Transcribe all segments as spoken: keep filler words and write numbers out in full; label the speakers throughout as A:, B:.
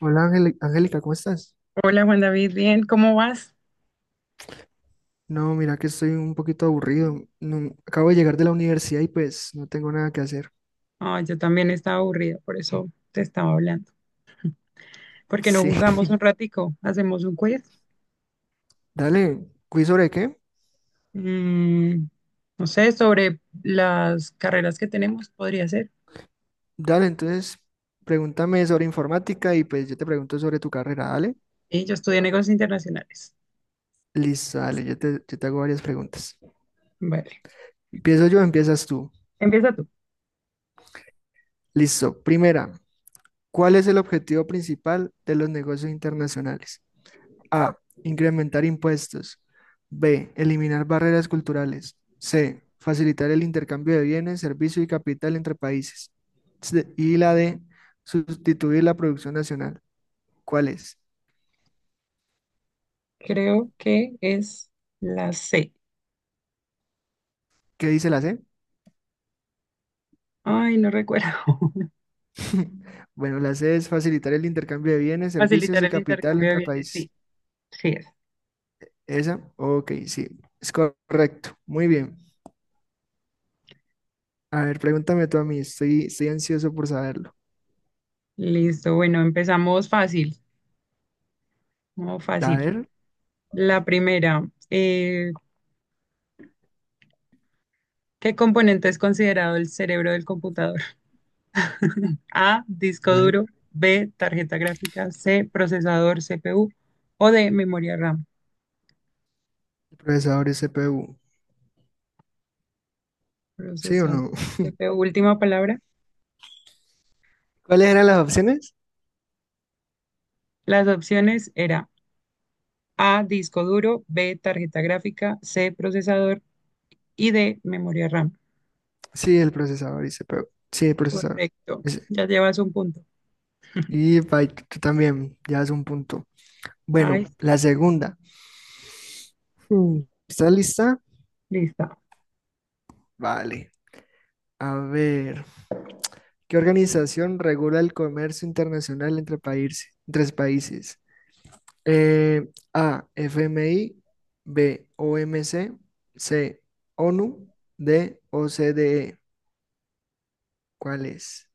A: Hola Ángel- Angélica, ¿cómo estás?
B: Hola Juan David, bien, ¿cómo vas?
A: No, mira que estoy un poquito aburrido. No, acabo de llegar de la universidad y pues no tengo nada que hacer.
B: Ah, yo también estaba aburrida, por eso te estaba hablando. ¿Por qué no
A: Sí,
B: jugamos un ratico, hacemos un quiz?
A: dale, ¿quiz sobre qué?
B: Mm, no sé, sobre las carreras que tenemos, podría ser.
A: Dale, entonces pregúntame sobre informática y pues yo te pregunto sobre tu carrera, dale.
B: Y yo estudié negocios internacionales.
A: Listo, dale, yo te, yo te hago varias preguntas.
B: Vale,
A: ¿Empiezo yo o empiezas tú?
B: empieza tú.
A: Listo, primera, ¿cuál es el objetivo principal de los negocios internacionales? A. Incrementar impuestos. B. Eliminar barreras culturales. C. Facilitar el intercambio de bienes, servicios y capital entre países. C- Y la D. Sustituir la producción nacional. ¿Cuál es?
B: Creo que es la C.
A: ¿Qué dice la C?
B: Ay, no recuerdo.
A: Bueno, la C es facilitar el intercambio de bienes, servicios
B: Facilitar
A: y
B: el
A: capital
B: intercambio de
A: entre
B: bienes, sí,
A: países.
B: sí es.
A: ¿Esa? Ok, sí, es correcto. Muy bien. A ver, pregúntame tú a mí, estoy, estoy ansioso por saberlo.
B: Listo, bueno, empezamos fácil, no
A: A
B: fácil.
A: ver,
B: La primera, eh, ¿qué componente es considerado el cerebro del computador? A, disco
A: ok,
B: duro; B, tarjeta gráfica; C, procesador C P U; o D, memoria RAM.
A: procesadores C P U, ¿sí o
B: Procesador
A: no?
B: C P U, última palabra.
A: ¿Cuáles eran las opciones?
B: Las opciones era A, disco duro; B, tarjeta gráfica; C, procesador; y D, memoria RAM.
A: Sí, el procesador, dice, pero sí, el procesador.
B: Correcto.
A: Dice,
B: Ya llevas un punto.
A: y byte, tú también, ya es un punto.
B: Ahí
A: Bueno,
B: está.
A: la segunda. Hmm, ¿estás lista?
B: Lista.
A: Vale. A ver, ¿qué organización regula el comercio internacional entre países? Tres países. Eh, A, FMI, B, OMC, C, C, ONU, D, OCDE. ¿Cuál es?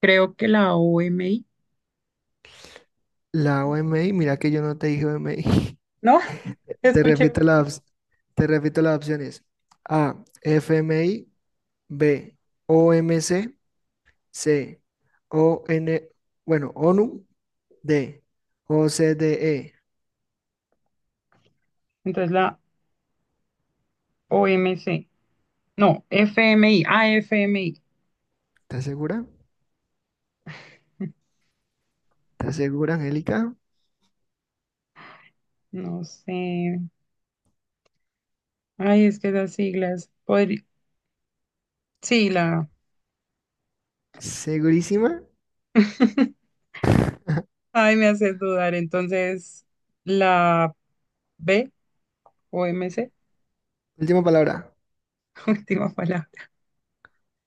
B: Creo que la O M I.
A: La OMI, mira que yo no te dije O M I.
B: No,
A: Te
B: escuché.
A: repito
B: OMI.
A: las, te repito las opciones. A, F M I, B, O M C, C, C, o n bueno, ONU, D, o c d e.
B: Entonces la OMC. No, FMI. Ah, F M I.
A: ¿Estás segura? ¿Estás segura, Angélica?
B: No sé. Ay, es que las siglas. Podri- Sí, la.
A: ¿Segurísima?
B: Ay, me haces dudar. Entonces, la B o M C.
A: Última palabra.
B: Última palabra.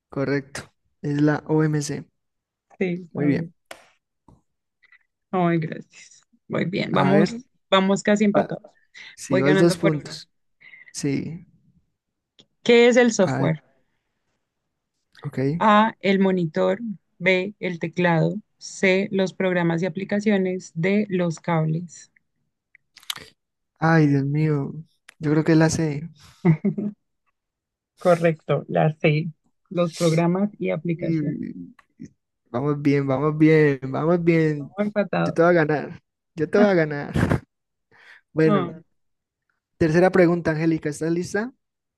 A: Correcto. Es la O M C.
B: Sí, la
A: Muy
B: B.
A: bien.
B: Ay, gracias. Muy bien,
A: A ver,
B: vamos, vamos casi
A: va-
B: empatados.
A: sí,
B: Voy
A: vas dos
B: ganando por uno.
A: puntos. Sí.
B: ¿Qué es el
A: A ver,
B: software?
A: ok.
B: A, el monitor; B, el teclado; C, los programas y aplicaciones; D, los cables.
A: Ay, Dios mío. Yo creo que es la C.
B: Correcto, la C, los programas y aplicaciones.
A: Y- y- Vamos bien, vamos bien, vamos
B: Bien,
A: bien.
B: vamos
A: Yo
B: empatados.
A: te voy a ganar, yo te voy a ganar.
B: Mm,
A: Bueno, tercera pregunta, Angélica, ¿estás lista?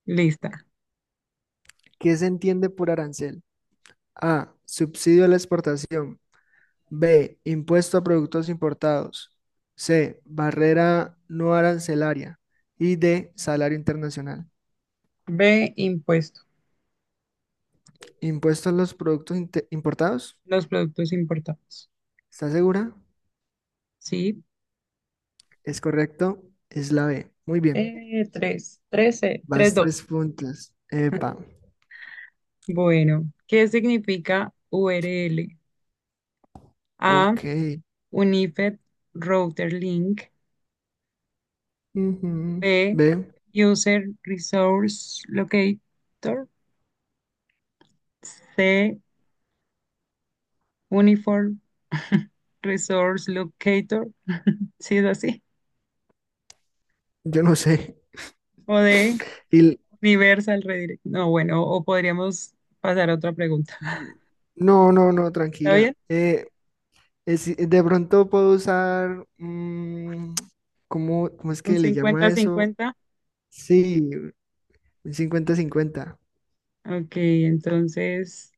B: lista.
A: ¿Qué se entiende por arancel? A, subsidio a la exportación. B, impuesto a productos importados. C, barrera no arancelaria. Y D, salario internacional.
B: B, impuesto.
A: ¿Impuesto a los productos inte- importados?
B: Los productos importados.
A: ¿Estás segura?
B: Sí.
A: Es correcto, es la B. Muy bien,
B: Eh, tres, trece. Tres
A: vas
B: dos.
A: tres puntos. Epa.
B: Bueno, ¿qué significa U R L? A,
A: Ok,
B: Unified Router Link.
A: ujú,
B: B,
A: ve,
B: User Resource Locator. C, Uniform Resource Locator. ¿Sí es así?
A: yo no sé.
B: O D,
A: Y, l-
B: Universal Redirect. No, bueno, o podríamos pasar a otra pregunta.
A: no, no, no,
B: ¿Está
A: tranquila.
B: bien?
A: Eh, es- de pronto puedo usar, mm, ¿cómo, cómo es
B: Un
A: que le llama
B: 50
A: eso?
B: cincuenta.
A: Sí, un cincuenta-cincuenta.
B: Ok, entonces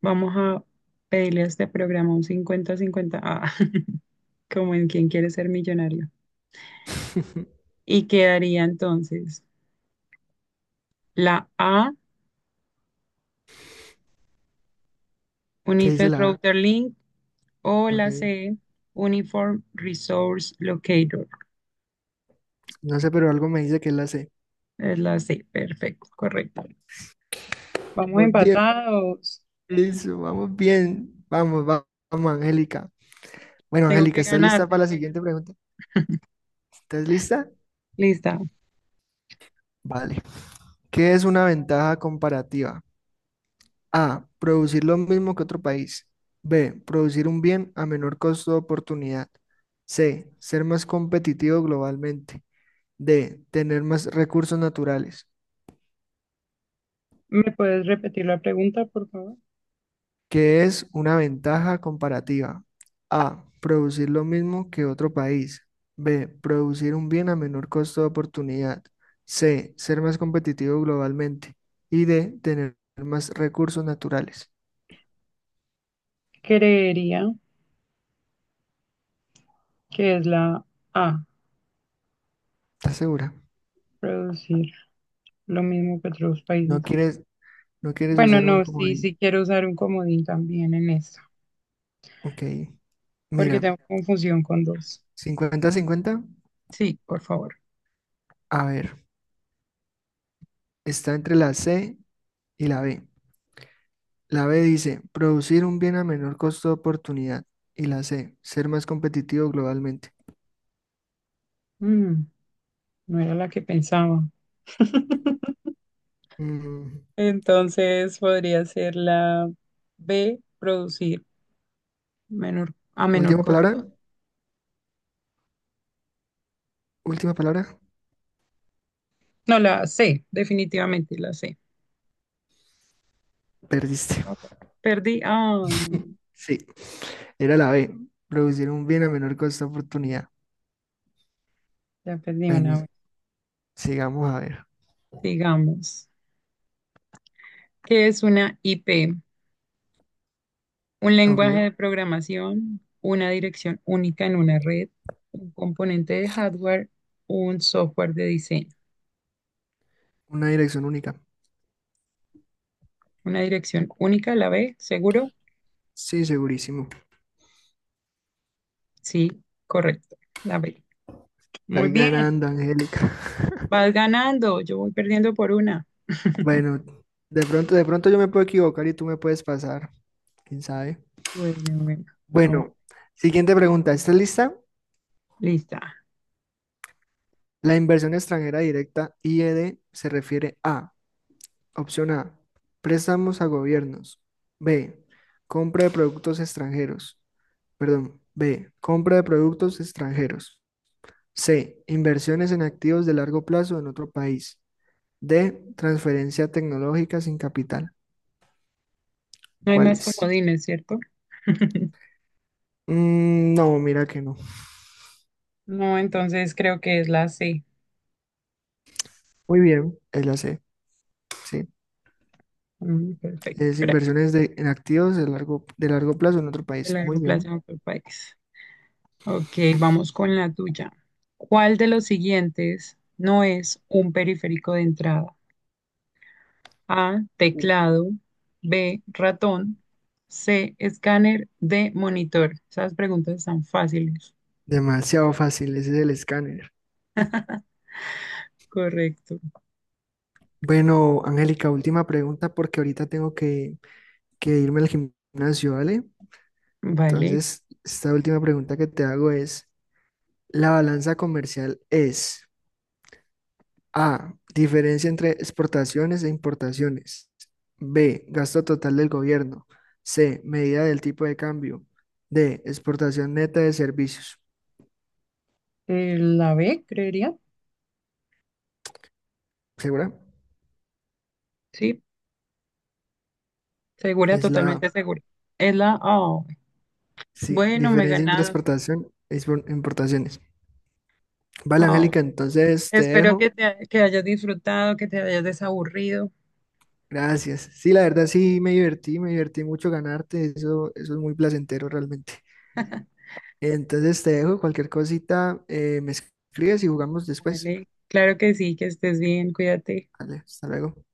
B: vamos a pedirle a este programa un 50 cincuenta. Ah, como en Quién quiere ser millonario. Y quedaría entonces la A,
A: ¿Qué dice
B: Unified
A: la A?
B: Router Link, o la
A: Ok.
B: C, Uniform Resource Locator.
A: No sé, pero algo me dice que es la C.
B: Es la C, perfecto, correcta. Vamos
A: Vamos bien,
B: empatados.
A: eso, vamos bien. Vamos, va- vamos, Angélica. Bueno,
B: Tengo
A: Angélica,
B: que
A: ¿estás
B: ganar,
A: lista para
B: tengo
A: la
B: que ganar.
A: siguiente pregunta? ¿Estás lista?
B: Lista.
A: Vale. ¿Qué es una ventaja comparativa? A. Producir lo mismo que otro país. B. Producir un bien a menor costo de oportunidad. C. Ser más competitivo globalmente. D. Tener más recursos naturales,
B: ¿Me puedes repetir la pregunta, por favor?
A: que es una ventaja comparativa. A. Producir lo mismo que otro país. B. Producir un bien a menor costo de oportunidad. C. Ser más competitivo globalmente. Y D. Tener más recursos naturales.
B: Creería que es la A,
A: ¿Estás segura?
B: producir. Lo mismo que otros países.
A: No quieres, no quieres
B: Bueno,
A: usar un
B: no, sí,
A: comodín.
B: sí quiero usar un comodín también en esta,
A: Ok.
B: porque
A: Mira,
B: tengo confusión con dos.
A: cincuenta-cincuenta.
B: Sí, por favor.
A: A ver, está entre la C y la B. La B dice, producir un bien a menor costo de oportunidad. Y la C, ser más competitivo globalmente.
B: Mm, no era la que pensaba.
A: Mm,
B: Entonces podría ser la B, producir menor, a menor
A: última palabra,
B: costo.
A: última palabra.
B: No, la C, definitivamente la C.
A: Perdiste.
B: Ah, bueno. Perdí, ay,
A: Sí, era la B, producir un bien a menor costo de oportunidad.
B: ya perdí
A: Bueno,
B: una vez.
A: sigamos a ver.
B: Digamos, ¿qué es una I P? Un
A: Ok,
B: lenguaje de programación, una dirección única en una red, un componente de hardware, un software de diseño.
A: una dirección única.
B: Una dirección única, la B, ¿seguro?
A: Sí, segurísimo.
B: Sí, correcto, la B. Muy
A: Estoy
B: bien,
A: ganando, Angélica.
B: vas ganando, yo voy perdiendo por una.
A: Bueno, de pronto, de pronto yo me puedo equivocar y tú me puedes pasar. ¿Quién sabe?
B: Bueno, bueno, vamos,
A: Bueno, siguiente pregunta. ¿Estás lista?
B: lista.
A: La inversión extranjera directa, I E D, se refiere a, opción A, préstamos a gobiernos. B, compra de productos extranjeros. Perdón, B, compra de productos extranjeros. C, inversiones en activos de largo plazo en otro país. D, transferencia tecnológica sin capital.
B: No hay
A: ¿Cuál
B: más
A: es?
B: comodines, ¿cierto?
A: Mm, no, mira que no.
B: No, entonces creo que es la C.
A: Muy bien, es la C, sí.
B: Mm, perfecto,
A: Es
B: gracias.
A: inversiones de, en activos de largo, de largo plazo en otro
B: El
A: país. Muy
B: largo plazo
A: bien.
B: en otro país. Ok, vamos con la tuya. ¿Cuál de los siguientes no es un periférico de entrada? A, teclado; B, ratón; C, escáner; D, monitor. Esas preguntas están fáciles.
A: Demasiado fácil, ese es el escáner.
B: Correcto.
A: Bueno, Angélica, última pregunta porque ahorita tengo que, que irme al gimnasio, ¿vale?
B: Vale.
A: Entonces, esta última pregunta que te hago es, ¿la balanza comercial es A, diferencia entre exportaciones e importaciones? B, gasto total del gobierno. C, medida del tipo de cambio. D, exportación neta de servicios.
B: Eh, la B, creería.
A: ¿Segura?
B: Sí, segura,
A: Es la
B: totalmente segura. Es la A.
A: sí,
B: Bueno, me
A: diferencia entre
B: ganas.
A: exportación e expor- importaciones. Vale,
B: Oh,
A: Angélica, entonces te
B: espero que
A: dejo.
B: te que hayas disfrutado, que te hayas desaburrido.
A: Gracias. Sí, la verdad sí me divertí, me divertí mucho ganarte, eso, eso es muy placentero realmente. Entonces te dejo, cualquier cosita, eh, me escribes y jugamos después.
B: Vale. Claro que sí, que estés bien, cuídate.
A: Vale, hasta luego.